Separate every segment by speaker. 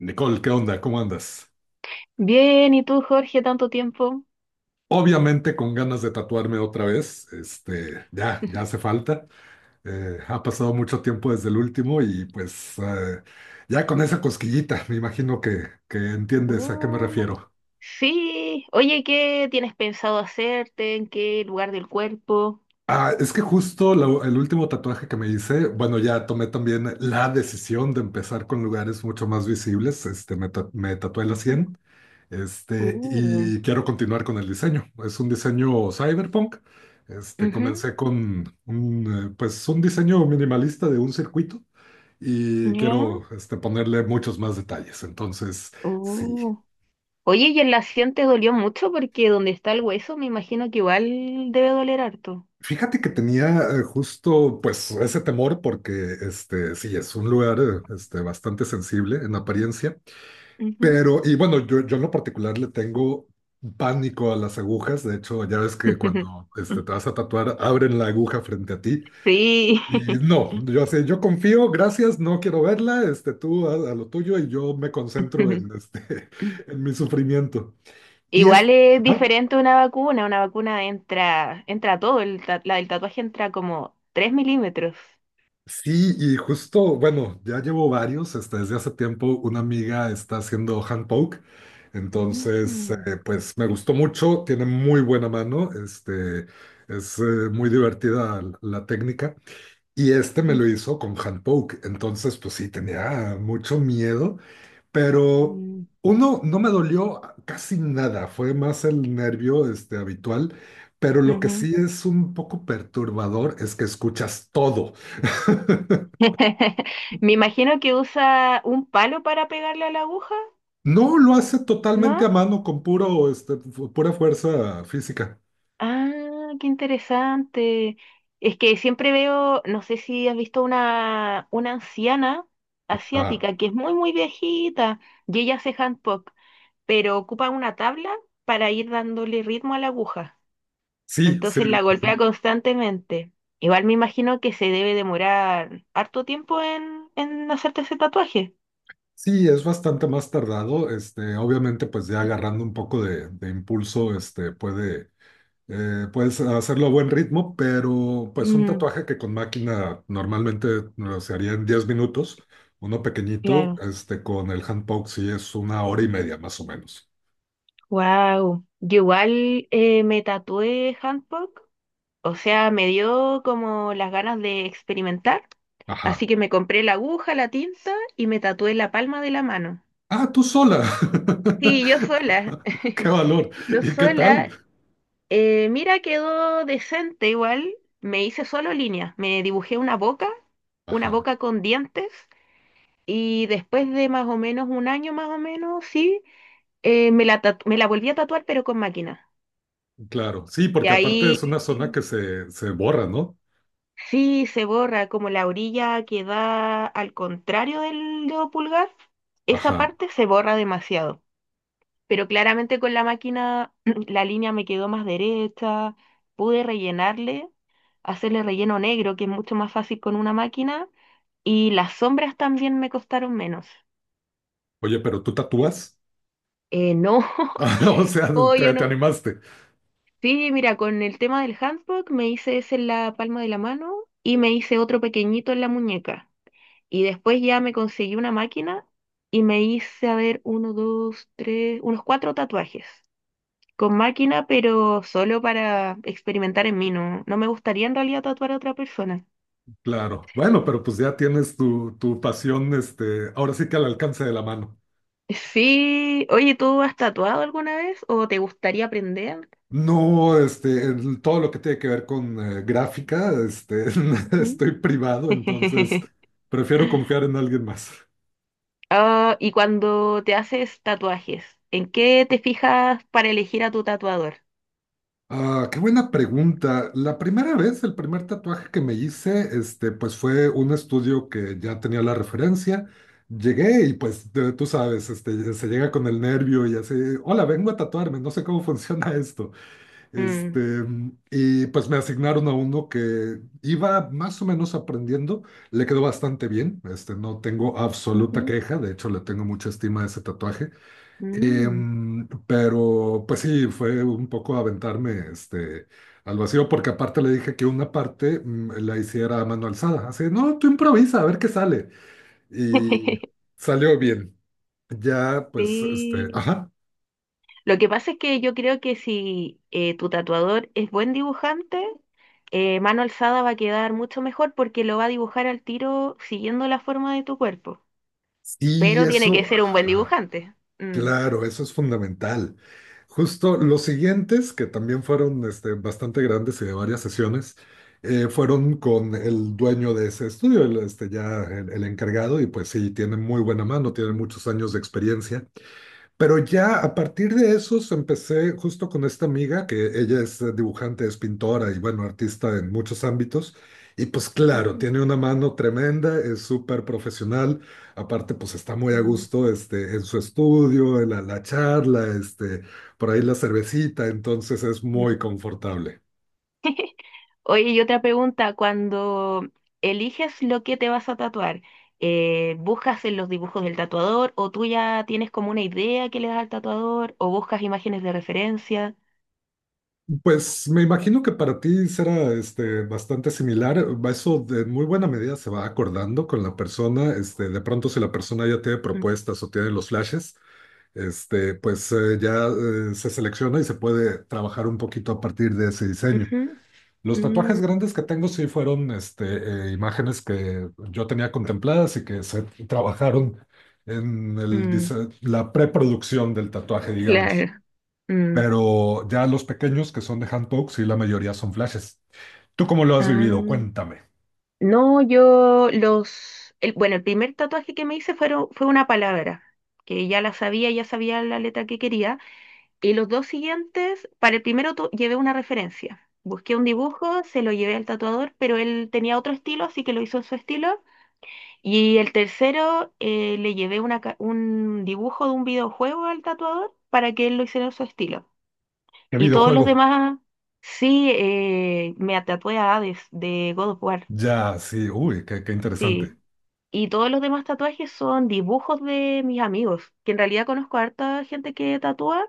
Speaker 1: Nicole, ¿qué onda? ¿Cómo andas?
Speaker 2: Bien, ¿y tú, Jorge, tanto tiempo?
Speaker 1: Obviamente con ganas de tatuarme otra vez, ya hace falta. Ha pasado mucho tiempo desde el último y pues ya con esa cosquillita, me imagino que entiendes a qué me
Speaker 2: Uh,
Speaker 1: refiero.
Speaker 2: sí, oye, ¿qué tienes pensado hacerte? ¿En qué lugar del cuerpo?
Speaker 1: Ah, es que justo el último tatuaje que me hice, bueno, ya tomé también la decisión de empezar con lugares mucho más visibles, me tatué la
Speaker 2: Ujú.
Speaker 1: 100. Este,
Speaker 2: Uh,
Speaker 1: y quiero continuar con el diseño. Es un diseño cyberpunk.
Speaker 2: ujú.
Speaker 1: Comencé con un diseño minimalista de un circuito y
Speaker 2: ¿Ya?
Speaker 1: quiero ponerle muchos más detalles. Entonces, sí.
Speaker 2: Uh, Oye, ¿y en la acción te dolió mucho? Porque donde está el hueso, me imagino que igual debe doler harto.
Speaker 1: Fíjate que tenía justo pues ese temor porque sí, es un lugar bastante sensible en apariencia.
Speaker 2: Ujú.
Speaker 1: Pero, y bueno, yo en lo particular le tengo pánico a las agujas. De hecho, ya ves que cuando te vas a tatuar, abren la aguja frente a ti.
Speaker 2: Sí.
Speaker 1: Y no, yo así, yo confío, gracias, no quiero verla, tú a lo tuyo y yo me concentro en, en mi sufrimiento. Y es,
Speaker 2: Igual es
Speaker 1: ajá.
Speaker 2: diferente una vacuna. Una vacuna entra, entra todo. La del tatuaje entra como 3 milímetros.
Speaker 1: Sí, y justo, bueno, ya llevo varios, desde hace tiempo una amiga está haciendo hand poke,
Speaker 2: Ujú.
Speaker 1: entonces, pues me gustó mucho, tiene muy buena mano, este, es muy divertida la técnica, y me lo
Speaker 2: ujú,
Speaker 1: hizo con hand poke, entonces, pues sí, tenía mucho miedo, pero
Speaker 2: ujú,
Speaker 1: uno, no me dolió casi nada, fue más el nervio, habitual, pero lo que
Speaker 2: ujú.
Speaker 1: sí es un poco perturbador es que escuchas todo.
Speaker 2: Me imagino que usa un palo para pegarle a la aguja,
Speaker 1: No, lo hace totalmente a
Speaker 2: ¿no?
Speaker 1: mano, con puro, pura fuerza física.
Speaker 2: Ah, qué interesante. Es que siempre veo, no sé si has visto una, anciana
Speaker 1: Ah,
Speaker 2: asiática que es muy, muy viejita, y ella hace handpok, pero ocupa una tabla para ir dándole ritmo a la aguja.
Speaker 1: sí, sí,
Speaker 2: Entonces la
Speaker 1: ajá.
Speaker 2: golpea constantemente. Igual me imagino que se debe demorar harto tiempo en hacerte ese tatuaje.
Speaker 1: Sí, es bastante más tardado. Obviamente, pues ya agarrando un poco de impulso, puedes hacerlo a buen ritmo, pero pues un
Speaker 2: Mm,
Speaker 1: tatuaje que con máquina normalmente no, se haría en 10 minutos, uno pequeñito,
Speaker 2: claro.
Speaker 1: con el hand poke sí es una hora y media más o menos.
Speaker 2: Wow. Yo igual me tatué handpok. O sea, me dio como las ganas de experimentar, así
Speaker 1: Ajá.
Speaker 2: que me compré la aguja, la tinta y me tatué la palma de la mano.
Speaker 1: Ah, tú sola.
Speaker 2: Sí, yo sola,
Speaker 1: Qué valor.
Speaker 2: yo
Speaker 1: ¿Y qué tal?
Speaker 2: sola. Mira, quedó decente igual. Me hice solo líneas, me dibujé una
Speaker 1: Ajá,
Speaker 2: boca con dientes, y después de más o menos un año más o menos, sí, me la volví a tatuar pero con máquina.
Speaker 1: claro. Sí,
Speaker 2: Y
Speaker 1: porque aparte
Speaker 2: ahí.
Speaker 1: es una zona que se borra, ¿no?
Speaker 2: Sí, se borra como la orilla que da al contrario del dedo pulgar. Esa
Speaker 1: Ajá.
Speaker 2: parte se borra demasiado. Pero claramente con la máquina la línea me quedó más derecha. Pude rellenarle, hacerle relleno negro, que es mucho más fácil con una máquina. Y las sombras también me costaron menos.
Speaker 1: Oye, pero tú tatúas.
Speaker 2: No,
Speaker 1: Ah, o sea,
Speaker 2: no, yo
Speaker 1: te
Speaker 2: no.
Speaker 1: animaste.
Speaker 2: Sí, mira, con el tema del handbook me hice ese en la palma de la mano y me hice otro pequeñito en la muñeca. Y después ya me conseguí una máquina y me hice, a ver, uno, dos, tres, unos cuatro tatuajes. Con máquina, pero solo para experimentar en mí, no, no me gustaría en realidad tatuar a otra persona.
Speaker 1: Claro.
Speaker 2: Sí.
Speaker 1: Bueno, pero pues ya tienes tu pasión, ahora sí que al alcance de la mano.
Speaker 2: Sí, oye, ¿tú has tatuado alguna vez o te gustaría aprender?
Speaker 1: No, todo lo que tiene que ver con gráfica,
Speaker 2: Ujú.
Speaker 1: estoy privado, entonces prefiero confiar en alguien más.
Speaker 2: Ah, y cuando te haces tatuajes, ¿en qué te fijas para elegir a tu tatuador?
Speaker 1: Ah, qué buena pregunta. La primera vez, el primer tatuaje que me hice, pues fue un estudio que ya tenía la referencia. Llegué y pues tú sabes, se llega con el nervio y así, hola, vengo a tatuarme, no sé cómo funciona esto. Este,
Speaker 2: Mm.
Speaker 1: y pues me asignaron a uno que iba más o menos aprendiendo, le quedó bastante bien, no tengo absoluta
Speaker 2: Ujú.
Speaker 1: queja, de hecho le tengo mucha estima a ese tatuaje.
Speaker 2: Mm.
Speaker 1: Pero pues sí, fue un poco aventarme al vacío, porque aparte le dije que una parte la hiciera a mano alzada. Así, no, tú improvisa, a ver qué sale. Y salió bien. Ya, pues,
Speaker 2: Sí.
Speaker 1: ajá.
Speaker 2: Lo que pasa es que yo creo que si tu tatuador es buen dibujante, mano alzada va a quedar mucho mejor porque lo va a dibujar al tiro siguiendo la forma de tu cuerpo.
Speaker 1: Y
Speaker 2: Pero tiene que
Speaker 1: eso,
Speaker 2: ser un buen
Speaker 1: ajá.
Speaker 2: dibujante. Mm.
Speaker 1: Claro, eso es fundamental. Justo los siguientes, que también fueron bastante grandes y de varias sesiones, fueron con el dueño de ese estudio, ya el encargado, y pues sí, tiene muy buena mano, tiene
Speaker 2: Ujú,
Speaker 1: muchos años de experiencia. Pero ya a partir de esos empecé justo con esta amiga, que ella es dibujante, es pintora y bueno, artista en muchos ámbitos. Y pues claro,
Speaker 2: ujú,
Speaker 1: tiene una mano tremenda, es súper profesional. Aparte, pues está muy a
Speaker 2: mm,
Speaker 1: gusto en su estudio, en la charla, por ahí la cervecita, entonces es
Speaker 2: mm.
Speaker 1: muy confortable.
Speaker 2: Oye, y otra pregunta, cuando eliges lo que te vas a tatuar, ¿buscas en los dibujos del tatuador o tú ya tienes como una idea que le das al tatuador o buscas imágenes de referencia?
Speaker 1: Pues me imagino que para ti será bastante similar. Eso de muy buena medida se va acordando con la persona. De pronto, si la persona ya tiene
Speaker 2: Mm,
Speaker 1: propuestas o tiene los flashes, pues ya se selecciona y se puede trabajar un poquito a partir de ese diseño. Los tatuajes
Speaker 2: ujú,
Speaker 1: grandes que tengo sí fueron imágenes que yo tenía contempladas y que se trabajaron en el
Speaker 2: mm,
Speaker 1: la preproducción del tatuaje, digamos.
Speaker 2: claro. Mm.
Speaker 1: Pero ya los pequeños que son de handpoke, sí, la mayoría son flashes. ¿Tú cómo lo has
Speaker 2: Ah,
Speaker 1: vivido? Cuéntame.
Speaker 2: no, bueno, el primer tatuaje que me hice fue una palabra, que ya la sabía, ya sabía la letra que quería. Y los dos siguientes, para el primero llevé una referencia. Busqué un dibujo, se lo llevé al tatuador, pero él tenía otro estilo, así que lo hizo en su estilo. Y el tercero, le llevé un dibujo de un videojuego al tatuador para que él lo hiciera en su estilo.
Speaker 1: ¿Qué
Speaker 2: Y todos los
Speaker 1: videojuego?
Speaker 2: demás, sí, me tatué a Hades de God of War,
Speaker 1: Ya, sí, uy, qué
Speaker 2: sí.
Speaker 1: interesante.
Speaker 2: Y todos los demás tatuajes son dibujos de mis amigos, que en realidad conozco a harta gente que tatúa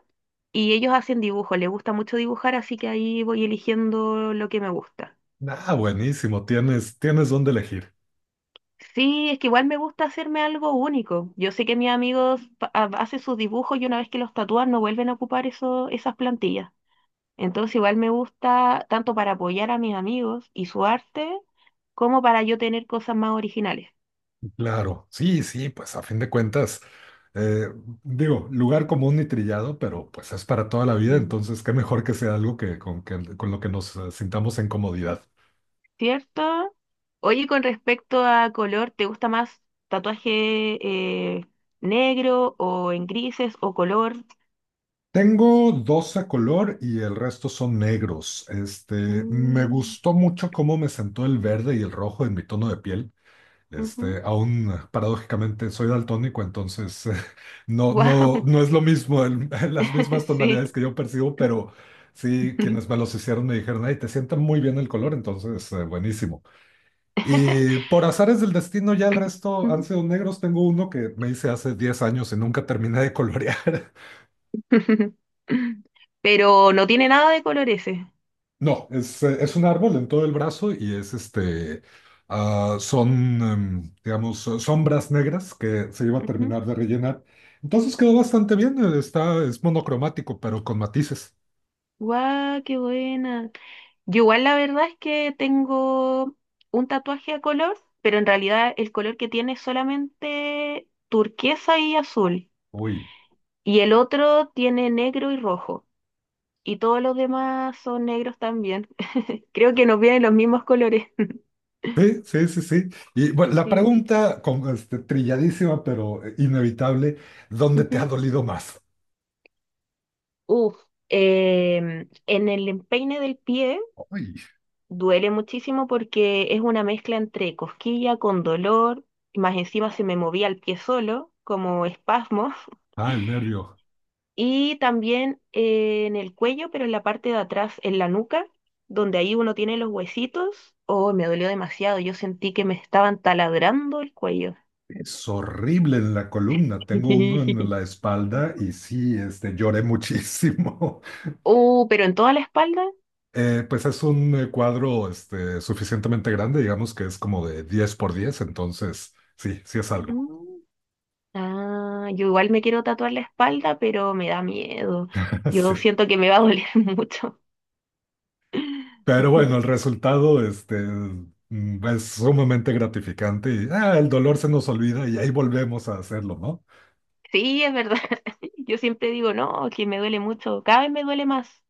Speaker 2: y ellos hacen dibujos, les gusta mucho dibujar, así que ahí voy eligiendo lo que me gusta.
Speaker 1: Ah, buenísimo, tienes dónde elegir.
Speaker 2: Sí, es que igual me gusta hacerme algo único. Yo sé que mis amigos hacen sus dibujos y una vez que los tatúan no vuelven a ocupar eso, esas plantillas. Entonces igual me gusta tanto para apoyar a mis amigos y su arte, como para yo tener cosas más originales.
Speaker 1: Claro, sí, sí, pues a fin de cuentas, eh, digo, lugar común y trillado, pero pues es para toda la vida,
Speaker 2: Mm.
Speaker 1: entonces qué mejor que sea algo con lo que nos sintamos en comodidad.
Speaker 2: ¿Cierto? Oye, con respecto a color, ¿te gusta más tatuaje eh, negro o en grises o color?
Speaker 1: Tengo dos a color y el resto son negros. Me
Speaker 2: Mm.
Speaker 1: gustó mucho cómo me sentó el verde y el rojo en mi tono de piel. Aún paradójicamente soy daltónico, entonces no, no,
Speaker 2: Wow.
Speaker 1: no es lo mismo, las mismas tonalidades
Speaker 2: Sí.
Speaker 1: que yo percibo, pero sí, quienes me los hicieron me dijeron, ay, te sienta muy bien el color, entonces buenísimo. Y por azares del destino, ya el resto han sido negros. Tengo uno que me hice hace 10 años y nunca terminé de colorear.
Speaker 2: Pero no tiene nada de color ese.
Speaker 1: No, es un árbol en todo el brazo y es son, digamos, sombras negras que se iba a
Speaker 2: Ujú.
Speaker 1: terminar de rellenar. Entonces quedó bastante bien, es monocromático, pero con matices.
Speaker 2: Guau, qué buena. Yo igual la verdad es que tengo un tatuaje a color, pero en realidad el color que tiene es solamente turquesa y azul.
Speaker 1: Uy,
Speaker 2: Y el otro tiene negro y rojo. Y todos los demás son negros también. Creo que nos vienen los mismos colores.
Speaker 1: sí, sí, sí, sí. Y bueno, la
Speaker 2: Sí.
Speaker 1: pregunta con, trilladísima, pero inevitable, ¿dónde te ha
Speaker 2: Ujú.
Speaker 1: dolido más?
Speaker 2: Uf, en el empeine del pie
Speaker 1: Uy,
Speaker 2: duele muchísimo porque es una mezcla entre cosquilla con dolor, más encima se me movía el pie solo, como espasmos.
Speaker 1: ah, el nervio.
Speaker 2: Y también en el cuello, pero en la parte de atrás, en la nuca, donde ahí uno tiene los huesitos. Oh, me dolió demasiado. Yo sentí que me estaban taladrando el cuello.
Speaker 1: Es horrible en la columna, tengo uno en la espalda y sí, lloré muchísimo.
Speaker 2: Oh, pero en toda la espalda.
Speaker 1: Pues es un cuadro suficientemente grande, digamos que es como de 10 por 10, entonces sí, sí es algo.
Speaker 2: Mm. Ah, yo igual me quiero tatuar la espalda, pero me da miedo. Yo
Speaker 1: Sí.
Speaker 2: siento que me va a doler mucho.
Speaker 1: Pero bueno, el resultado es sumamente gratificante y el dolor se nos olvida y ahí volvemos a hacerlo, ¿no?
Speaker 2: Sí, es verdad. Yo siempre digo, no, que me duele mucho. Cada vez me duele más,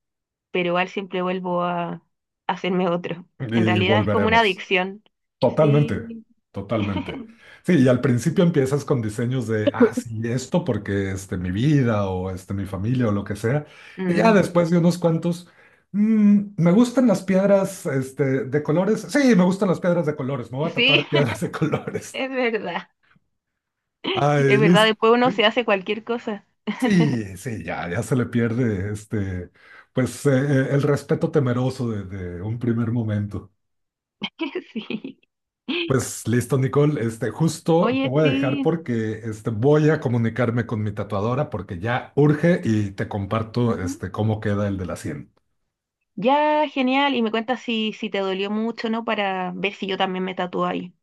Speaker 2: pero igual siempre vuelvo a hacerme otro. En
Speaker 1: Y
Speaker 2: realidad es como una
Speaker 1: volveremos.
Speaker 2: adicción.
Speaker 1: Totalmente,
Speaker 2: Sí.
Speaker 1: totalmente. Sí, y al principio empiezas con diseños de, sí, esto porque mi vida o mi familia o lo que sea. Y ya
Speaker 2: Mm.
Speaker 1: después de unos cuantos, "Me gustan las piedras de colores. Sí, me gustan las piedras de colores. Me voy a tatuar
Speaker 2: Sí,
Speaker 1: piedras de colores.
Speaker 2: es verdad. Es
Speaker 1: Ay,
Speaker 2: verdad,
Speaker 1: listo.
Speaker 2: después uno se hace cualquier cosa.
Speaker 1: Sí, sí, ya se le pierde pues el respeto temeroso de un primer momento.
Speaker 2: Sí.
Speaker 1: Pues listo, Nicole. Justo te
Speaker 2: Oye,
Speaker 1: voy a dejar
Speaker 2: sí.
Speaker 1: porque voy a comunicarme con mi tatuadora porque ya urge y te comparto
Speaker 2: Ujú.
Speaker 1: cómo queda el de la 100.
Speaker 2: Ya, genial. Y me cuentas si, si te dolió mucho, ¿no? Para ver si yo también me tatúo ahí.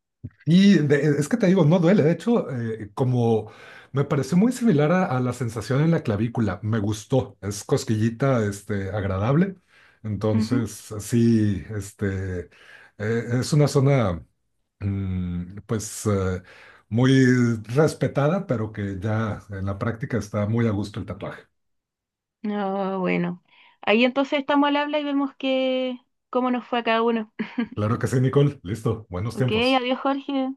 Speaker 1: Y es que te digo, no duele. De hecho, como me pareció muy similar a la sensación en la clavícula, me gustó. Es cosquillita agradable.
Speaker 2: Ujú.
Speaker 1: Entonces, sí, es una zona, mm, pues eh, muy respetada, pero que ya en la práctica está muy a gusto el tatuaje.
Speaker 2: No, bueno. Ahí entonces estamos al habla y vemos cómo nos fue a cada uno.
Speaker 1: Claro que sí, Nicole. Listo. Buenos
Speaker 2: Ok,
Speaker 1: tiempos.
Speaker 2: adiós, Jorge.